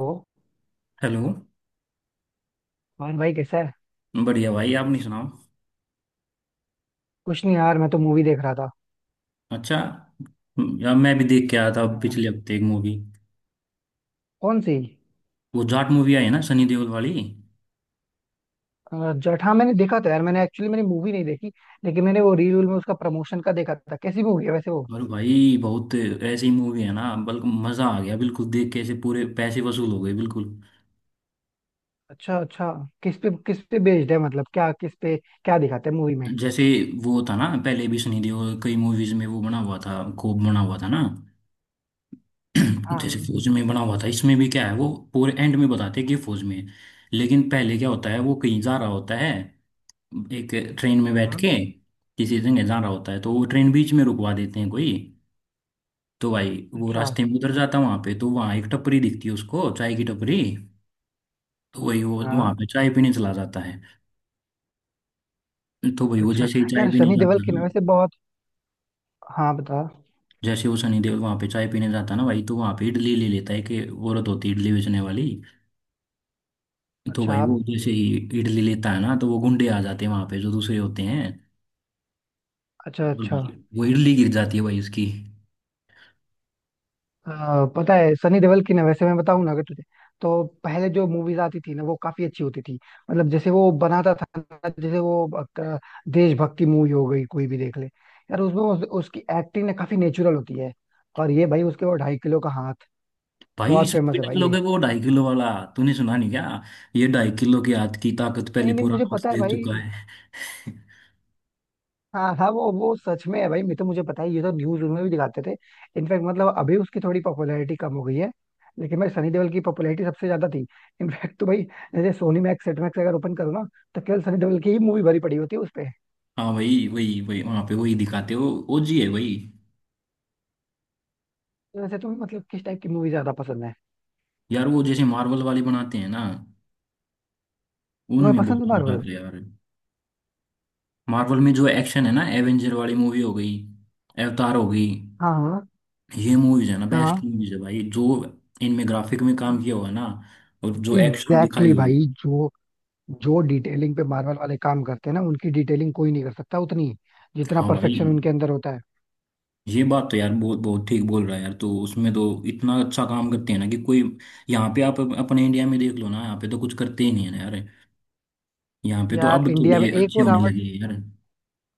ओ। Hello. और भाई, कैसा है? बढ़िया भाई, आप नहीं सुनाओ? कुछ नहीं यार, मैं तो मूवी देख रहा था। अच्छा। यार मैं भी देख के आया था हाँ। पिछले हफ्ते एक मूवी। कौन सी? वो जाट मूवी आई है ना सनी देओल वाली। जट, हाँ मैंने देखा था यार। मैंने मूवी नहीं देखी, लेकिन मैंने वो रील में उसका प्रमोशन का देखा था। कैसी मूवी है वैसे वो? और भाई बहुत ऐसी मूवी है ना, बल्कि मजा आ गया बिल्कुल देख के, ऐसे पूरे पैसे वसूल हो गए बिल्कुल। अच्छा अच्छा। किस पे बेस्ड है? मतलब क्या, किस पे क्या दिखाते हैं मूवी में? जैसे वो था ना पहले भी, सनी देओल कई मूवीज में वो बना हुआ था, कोप बना हुआ था ना। जैसे हाँ फौज में बना हुआ था, इसमें भी क्या है वो पूरे एंड में बताते हैं कि ये फौज में है। लेकिन पहले क्या होता है, वो कहीं जा रहा होता है एक ट्रेन में बैठ हाँ। के, किसी जगह जा रहा होता है, तो वो ट्रेन बीच में रुकवा देते हैं कोई। तो भाई वो अच्छा। रास्ते में उधर जाता है वहां पे, तो वहां एक टपरी दिखती है उसको चाय की टपरी। तो वही वो वहां हाँ। पे चाय पीने चला जाता है। तो भाई वो अच्छा। जैसे ही चाय यार पीने सनी देओल जाता की है, ना वैसे बहुत। हाँ बता। जैसे वो सनी देओल वहां पे चाय पीने जाता है ना भाई, तो वहां पे इडली ले लेता है, कि वो औरत होती है इडली बेचने वाली। तो अच्छा भाई वो जैसे ही इडली लेता है ना, तो वो गुंडे आ जाते हैं वहां पे, जो दूसरे होते हैं। अच्छा और अच्छा। भाई वो इडली गिर जाती है भाई उसकी। पता है, सनी देओल की ना वैसे मैं बताऊं ना अगर तुझे, तो पहले जो मूवीज आती थी ना वो काफी अच्छी होती थी। मतलब जैसे वो बनाता था ना, जैसे वो देशभक्ति मूवी हो गई, कोई भी देख ले यार, उसमें उसकी एक्टिंग ना काफी नेचुरल होती है। और ये भाई उसके वो ढाई किलो का हाथ भाई बहुत इसमें फेमस भी है भाई डायलॉग ये। है वो ढाई किलो वाला। तूने सुना नहीं क्या? ये ढाई किलो के हाथ की ताकत पहले नहीं नहीं, पूरा मुझे नॉर्थ पता है देख भाई। चुका है। हाँ हाँ, वो सच में है भाई। मैं तो मुझे पता है, ये तो न्यूज में भी दिखाते थे। इनफैक्ट मतलब अभी उसकी थोड़ी पॉपुलैरिटी कम हो गई है, लेकिन भाई सनी देओल की पॉपुलैरिटी सबसे ज्यादा थी। इनफैक्ट तो भाई, जैसे सोनी मैक्स, सेट मैक्स अगर ओपन करो ना, तो केवल सनी देओल की ही मूवी भरी पड़ी होती है उस पे। हाँ भाई, वही वही वहां पे वही दिखाते हो। ओजी है वही। तो वैसे तुम्हें मतलब किस टाइप की मूवी ज्यादा पसंद है? यार वो जैसे मार्वल वाली बनाते हैं ना, तुम्हें उनमें पसंद है बहुत मजा आता मार्वल? है यार। मार्वल में जो एक्शन है ना, एवेंजर वाली मूवी हो गई, अवतार हो गई, हाँ हाँ। ये मूवीज है ना बेस्ट हाँ। मूवीज है भाई। जो इनमें ग्राफिक में काम किया हुआ है ना, और जो एक्शन एग्जैक्टली दिखाई exactly हुई भाई। है। जो जो डिटेलिंग पे मार्वल वाले काम करते हैं ना, उनकी डिटेलिंग कोई नहीं कर सकता उतनी, जितना हाँ भाई, परफेक्शन उनके अंदर होता है। ये बात तो यार बहुत बहुत ठीक बोल रहा है यार। तो उसमें तो इतना अच्छा काम करते हैं ना कि कोई। यहाँ पे आप अपने इंडिया में देख लो ना, यहाँ पे तो कुछ करते ही नहीं है ना यार। यहाँ पे तो यार अब इंडिया में थोड़े एक अच्छे वो होने रावण, लगे हैं यार।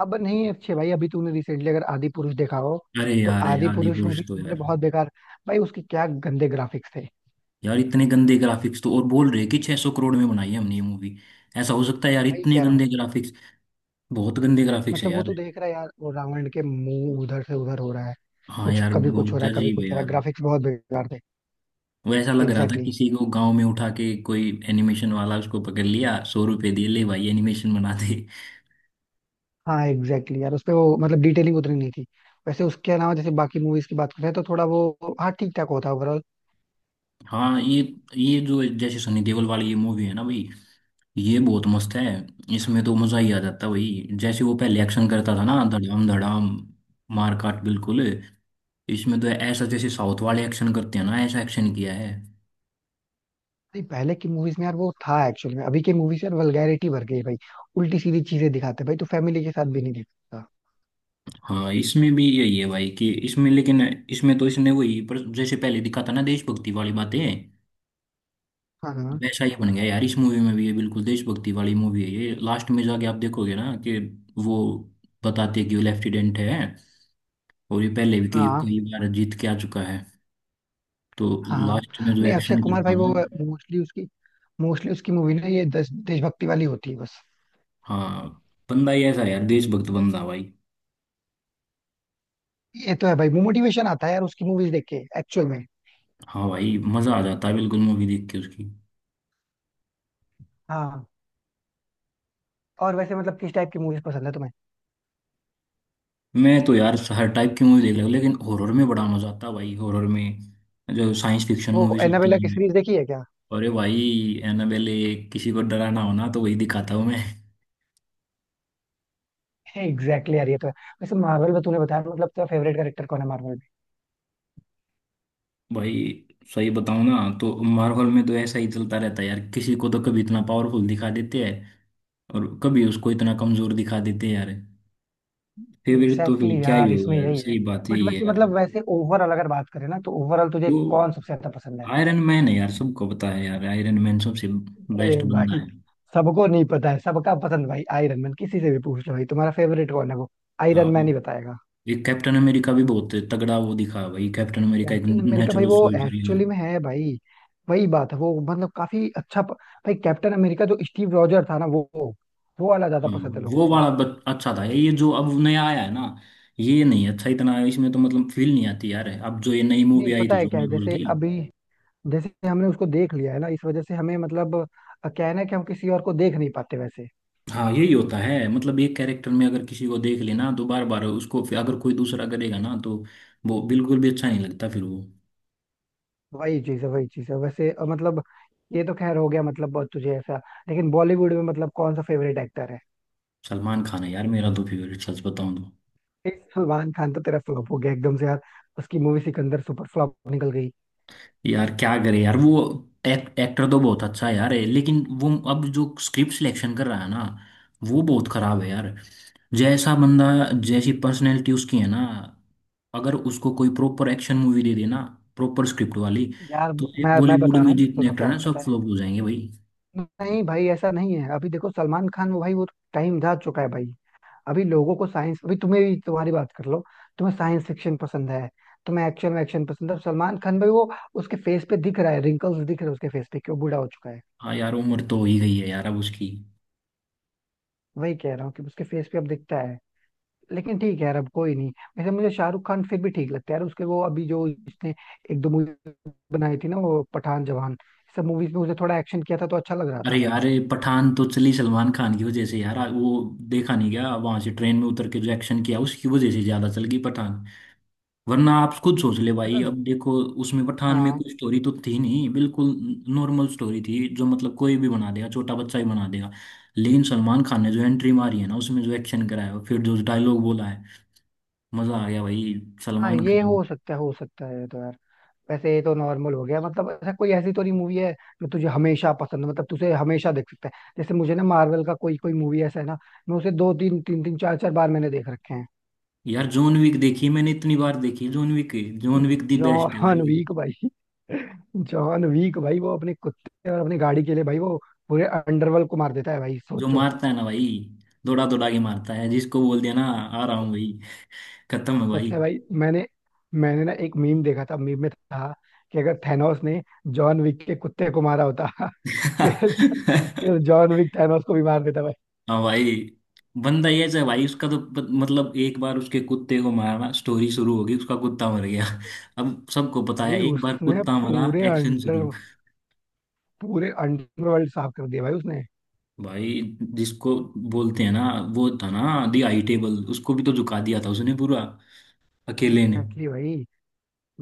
अब नहीं अच्छे भाई, अभी तूने रिसेंटली अगर आदि पुरुष देखा हो, अरे तो यार, यार आदि पुरुष में आदिपुरुष भी तो उन्होंने यार, बहुत बेकार, भाई उसके क्या गंदे ग्राफिक्स थे। यार इतने गंदे ग्राफिक्स, तो और बोल रहे हैं कि 600 करोड़ में बनाई है हमने ये मूवी। ऐसा हो सकता है यार भाई इतने कह रहा हूँ गंदे भाई। ग्राफिक्स? बहुत गंदे ग्राफिक्स है मतलब वो तो यार। देख रहा है यार, वो रावण के मुंह उधर से उधर हो रहा है। हाँ कुछ यार कभी कुछ हो बहुत रहा है, कभी अजीब है कुछ हो रहा है, यार। ग्राफिक्स बहुत बेकार थे। वो ऐसा लग रहा था एग्जैक्टली exactly। किसी को गांव में उठा के कोई एनिमेशन वाला उसको पकड़ लिया, 100 रुपए दिए, ले भाई एनिमेशन बना दे। हाँ एग्जैक्टली exactly यार, उसपे वो मतलब डिटेलिंग उतनी नहीं थी। वैसे उसके अलावा जैसे बाकी मूवीज की बात करें, तो थोड़ा वो, हाँ, ठीक ठाक होता है ओवरऑल। हाँ। ये जो जैसे सनी देओल वाली ये मूवी है ना भाई, ये बहुत मस्त है। इसमें तो मजा ही आ जाता है भाई। जैसे वो पहले एक्शन करता था हाँ। ना, धड़ाम धड़ाम, मार काट बिल्कुल। इसमें तो ऐसा जैसे साउथ वाले एक्शन करते हैं ना, ऐसा एक्शन किया है। नहीं पहले की मूवीज में यार वो था एक्चुअली में, अभी की मूवीज यार वल्गैरिटी भर गई है भाई। उल्टी सीधी चीजें दिखाते हैं भाई, तो फैमिली के साथ भी नहीं देखता। हाँ इसमें भी यही है भाई कि इसमें, लेकिन इसमें तो इसने वही पर जैसे पहले दिखाता ना देशभक्ति वाली बातें, हाँ हाँ वैसा ही बन गया यार। इस मूवी में भी ये बिल्कुल देशभक्ति वाली मूवी है। ये लास्ट में जाके आप देखोगे ना कि वो बताते हैं कि वो लेफ्टिनेंट है, और ये पहले भी कई हाँ कई बार जीत के आ चुका है। तो हाँ हाँ। लास्ट में जो नहीं अक्षय एक्शन कुमार करता भाई है वो, ना। मोस्टली उसकी मोस्टली उसकी मूवी ना ये देशभक्ति वाली होती है बस। हाँ बंदा ही ऐसा है यार, देशभक्त बंदा भाई। ये तो है भाई, मोटिवेशन आता है यार उसकी मूवीज देख के एक्चुअल में। हाँ भाई मजा आ जाता है बिल्कुल मूवी देख के उसकी। हाँ। और वैसे मतलब किस टाइप की मूवीज पसंद है तुम्हें? मैं तो यार हर टाइप की मूवी देख रहा हूँ, लेकिन हॉरर में बड़ा मजा आता है भाई। हॉरर में जो साइंस फिक्शन वो मूवीज होती एनाबेला की हैं। सीरीज देखी है क्या? अरे भाई एनाबेले, किसी को डराना हो ना तो वही दिखाता हूँ मैं। एग्जैक्टली यार ये तो है। वैसे मार्वल में तूने बताया, मतलब तेरा फेवरेट कैरेक्टर कौन है मार्वल भाई सही बताऊँ ना तो मार्वल में तो ऐसा ही चलता रहता है यार, किसी को तो कभी इतना पावरफुल दिखा देते हैं, और कभी उसको इतना कमजोर दिखा देते हैं यार। में? फेवरेट तो फिर एग्जैक्टली क्या ही यार होगा इसमें यार, यही है। सही बात बट यही है वैसे यार। मतलब, वैसे ओवरऑल अगर बात करें ना, तो ओवरऑल तुझे तो कौन सबसे ज्यादा पसंद है? आयरन मैन है यार, सबको पता है यार आयरन मैन सबसे अरे बेस्ट भाई, बंदा है। सबको नहीं पता है, सबका पसंद भाई आयरन मैन। किसी से भी पूछ लो भाई, तुम्हारा फेवरेट कौन है, वो आयरन हाँ, मैन ही बताएगा। ये कैप्टन अमेरिका भी बहुत तगड़ा वो दिखा है भाई। कैप्टन अमेरिका एक कैप्टन अमेरिका भाई नेचुरल वो सोल्जर। एक्चुअली में है भाई। वही बात है, वो मतलब काफी अच्छा भाई कैप्टन अमेरिका जो स्टीव रॉजर था ना, वो वाला ज्यादा पसंद है लोगों वो को। वाला अच्छा था। ये जो अब नया आया है ना, ये नहीं अच्छा इतना, इसमें तो मतलब फील नहीं आती यार। अब जो ये नई मूवी नहीं आई पता थी है जो क्या है, मार्वल जैसे की। अभी जैसे हमने उसको देख लिया है ना, इस वजह से हमें मतलब क्या है ना कि हम किसी और को देख नहीं पाते वैसे। हाँ यही होता है, मतलब एक कैरेक्टर में अगर किसी को देख लेना, तो बार बार उसको फिर अगर कोई दूसरा करेगा ना, तो वो बिल्कुल भी अच्छा नहीं लगता फिर वो। वही चीज है वैसे, मतलब ये तो खैर हो गया मतलब बहुत तुझे ऐसा। लेकिन बॉलीवुड में मतलब कौन सा फेवरेट एक्टर है? सलमान खान है यार मेरा तो फेवरेट, सच बताऊं तो। सलमान खान तो तेरा फ्लॉप हो गया एकदम से यार, उसकी मूवी सिकंदर सुपर फ्लॉप निकल गई। यार क्या करे यार वो। एक्टर तो बहुत अच्छा है यार है, लेकिन वो अब जो स्क्रिप्ट सिलेक्शन कर रहा है ना, वो बहुत खराब है यार। जैसा बंदा, जैसी पर्सनैलिटी उसकी है ना, अगर उसको कोई प्रॉपर एक्शन मूवी दे देना, प्रॉपर स्क्रिप्ट वाली। यार तो मैं बॉलीवुड बता रहा में हूँ, जितने सुनो एक्टर क्या है हैं सब पता है। फ्लॉप हो जाएंगे भाई। नहीं भाई ऐसा नहीं है, अभी देखो सलमान खान वो भाई वो, टाइम जा चुका है भाई। अभी लोगों को साइंस, अभी तुम्हें भी तुम्हारी बात कर लो। तुम्हें साइंस फिक्शन पसंद है? तुम्हें एक्शन वैक्शन पसंद है? सलमान खान भाई वो, उसके फेस पे दिख रहा है, रिंकल्स दिख रहे हैं उसके फेस पे कि वो बूढ़ा हो चुका है। हाँ यार उम्र तो हो ही गई है यार अब उसकी। वही कह रहा हूँ कि उसके फेस पे अब दिखता है। लेकिन ठीक है यार, अब कोई नहीं। वैसे मुझे शाहरुख खान फिर भी ठीक लगता है यार, उसके वो अभी जो उसने एक दो मूवी बनाई थी ना, वो पठान जवान, सब मूवीज में उसने थोड़ा एक्शन किया था, तो अच्छा लग रहा अरे था। यार ये पठान तो चली सलमान खान की वजह से यार वो, देखा नहीं गया वहां से ट्रेन में उतर के जो एक्शन किया, उसकी वजह से ज्यादा चल गई पठान। वरना आप खुद सोच ले भाई, मतलब अब देखो उसमें पठान में हाँ कोई स्टोरी तो थी नहीं बिल्कुल। नॉर्मल स्टोरी थी, जो मतलब कोई भी बना देगा, छोटा बच्चा ही बना देगा। लेकिन सलमान खान ने जो एंट्री मारी है ना, उसमें जो एक्शन कराया और फिर जो डायलॉग बोला है, मजा आ गया भाई। हाँ, सलमान ये खान। हो सकता है, हो सकता है तो यार। वैसे ये तो नॉर्मल हो गया, मतलब ऐसा कोई, ऐसी तो नहीं मूवी है जो तुझे हमेशा पसंद हो, मतलब तुझे हमेशा देख सकता है। जैसे मुझे ना, मार्वल का कोई कोई मूवी ऐसा है ना, मैं उसे दो तीन तीन तीन चार चार बार मैंने देख रखे हैं। यार जॉन विक देखी मैंने, इतनी बार देखी John Wick. John Wick the best है जॉन भाई। वीक भाई, जॉन वीक भाई वो अपने कुत्ते और अपनी गाड़ी के लिए भाई वो पूरे अंडरवर्ल्ड को मार देता है भाई, जो सोचो। मारता है ना भाई, दौड़ा दौड़ा के मारता है, जिसको बोल दिया ना आ रहा हूँ भाई, खत्म है भाई। पता है भाई, मैंने मैंने ना एक मीम देखा था, मीम में था कि अगर थैनोस ने जॉन विक के कुत्ते को मारा होता फिर फिर जॉन विक थैनोस को भी मार देता भाई। हाँ भाई। बंदा ये है भाई उसका तो मतलब एक बार उसके कुत्ते को मारा, स्टोरी शुरू होगी, उसका कुत्ता मर गया। अब सबको पता भाई है, एक बार उसने कुत्ता मरा, पूरे एक्शन शुरू। अंडर पूरे अंडरवर्ल्ड साफ कर दिया भाई उसने। भाई, जिसको बोलते हैं ना, वो था ना दी आई टेबल, उसको भी तो झुका दिया था उसने पूरा, अकेले ने। एग्जैक्टली भाई,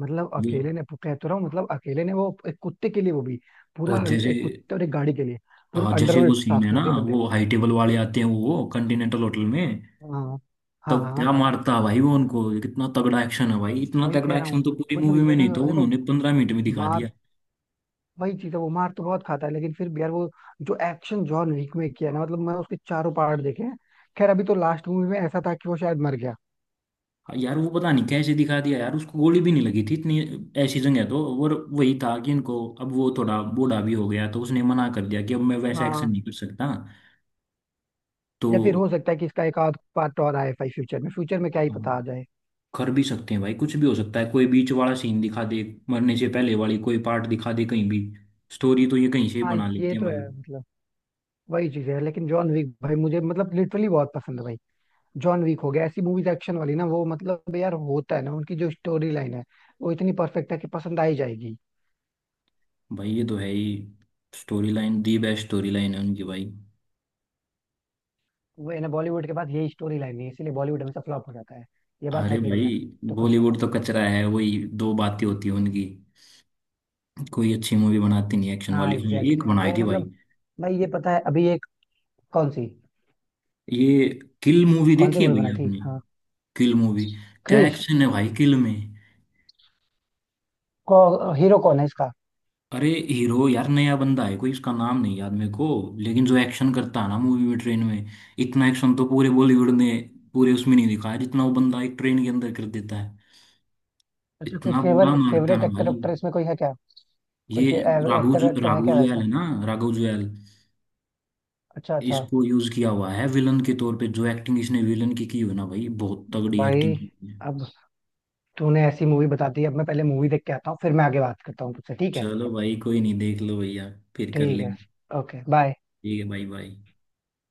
मतलब ये- अकेले ने कह तो रहा हूँ, मतलब अकेले ने वो एक कुत्ते के लिए, वो भी और जैसे, एक कुत्ते और एक गाड़ी के लिए पूरा हाँ जैसे वो अंडरवर्ल्ड सीन साफ है कर ना, दिया बंदे वो ने। हाई टेबल वाले आते हैं वो कंटिनेंटल होटल में। हाँ हाँ तब हाँ। क्या मारता भाई वो उनको, कितना तगड़ा एक्शन है भाई, इतना वही कह तगड़ा रहा एक्शन हूँ, तो पूरी मतलब मूवी ये में नहीं ना था, देखो, उन्होंने 15 मिनट में दिखा मार दिया। वही चीज है, वो मार तो बहुत खाता है लेकिन फिर भी यार वो, जो एक्शन जॉन विक में किया ना, मतलब मैं उसके चारों पार्ट देखे हैं। खैर अभी तो लास्ट मूवी में ऐसा था कि वो शायद मर गया। हाँ यार वो पता नहीं कैसे दिखा दिया यार, उसको गोली भी नहीं लगी थी इतनी ऐसी जगह है तो, और वही था कि इनको अब वो थोड़ा बूढ़ा भी हो गया, तो उसने मना कर दिया कि अब मैं वैसा एक्शन हाँ, नहीं कर सकता। तो या फिर हो सकता है कि इसका एक आध पार्ट और आए भाई फ्यूचर में क्या ही पता हम आ जाए। कर भी सकते हैं भाई, कुछ भी हो सकता है, कोई बीच वाला सीन दिखा दे, मरने से पहले वाली कोई पार्ट दिखा दे कहीं भी। स्टोरी तो ये कहीं से ही हाँ बना ये लेते हैं तो भाई। है मतलब, वही चीज है लेकिन जॉन विक भाई मुझे मतलब लिटरली बहुत पसंद है भाई। जॉन वीक हो गया, ऐसी मूवीज एक्शन वाली ना, वो मतलब यार होता है ना उनकी, जो स्टोरी लाइन है वो इतनी परफेक्ट है कि पसंद आ ही जाएगी। भाई ये तो है ही, story line the best story line है उनकी भाई। वो है ना, बॉलीवुड के पास यही स्टोरी लाइन है इसीलिए बॉलीवुड हमेशा फ्लॉप हो जाता है, ये बात अरे है कि नहीं भाई, यार? तो खुद बॉलीवुड बता। तो कचरा है, वही दो बातें होती हैं उनकी, कोई अच्छी मूवी बनाती नहीं एक्शन हाँ वाली। हाँ, एग्जैक्टली एक exactly यार, बनाई वो थी मतलब भाई। भाई ये पता है, अभी एक, कौन सी? ये किल मूवी कौन सी देखी है मूवी भैया बनाई थी? आपने? हाँ, किल मूवी, क्या क्रिश एक्शन है भाई किल में। को? हीरो कौन है इसका? अरे हीरो यार नया बंदा है कोई, इसका नाम नहीं याद मेरे को। लेकिन जो एक्शन करता है ना मूवी में, ट्रेन में इतना एक्शन तो पूरे बॉलीवुड ने, पूरे उसमें नहीं दिखाया, जितना वो बंदा एक ट्रेन के अंदर कर देता है। अच्छा, कोई इतना फेवर बुरा मारता है फेवरेट ना एक्टर भाई। एक्टर इसमें कोई है क्या? कोई ये राघु एक्टर जु- एक्टर है राघु क्या जुयाल वैसा? है ना, राघु जुयाल। अच्छा अच्छा। इसको यूज किया हुआ है विलन के तौर पे, जो एक्टिंग इसने विलन की हो ना भाई, बहुत तगड़ी भाई एक्टिंग की है। अब तूने ऐसी मूवी बता दी, अब मैं पहले मूवी देख के आता हूँ, फिर मैं आगे बात करता हूँ तुझसे, ठीक है? चलो भाई कोई नहीं, देख लो भैया, फिर कर ठीक है, लेंगे। Okay bye. ठीक है भाई भाई।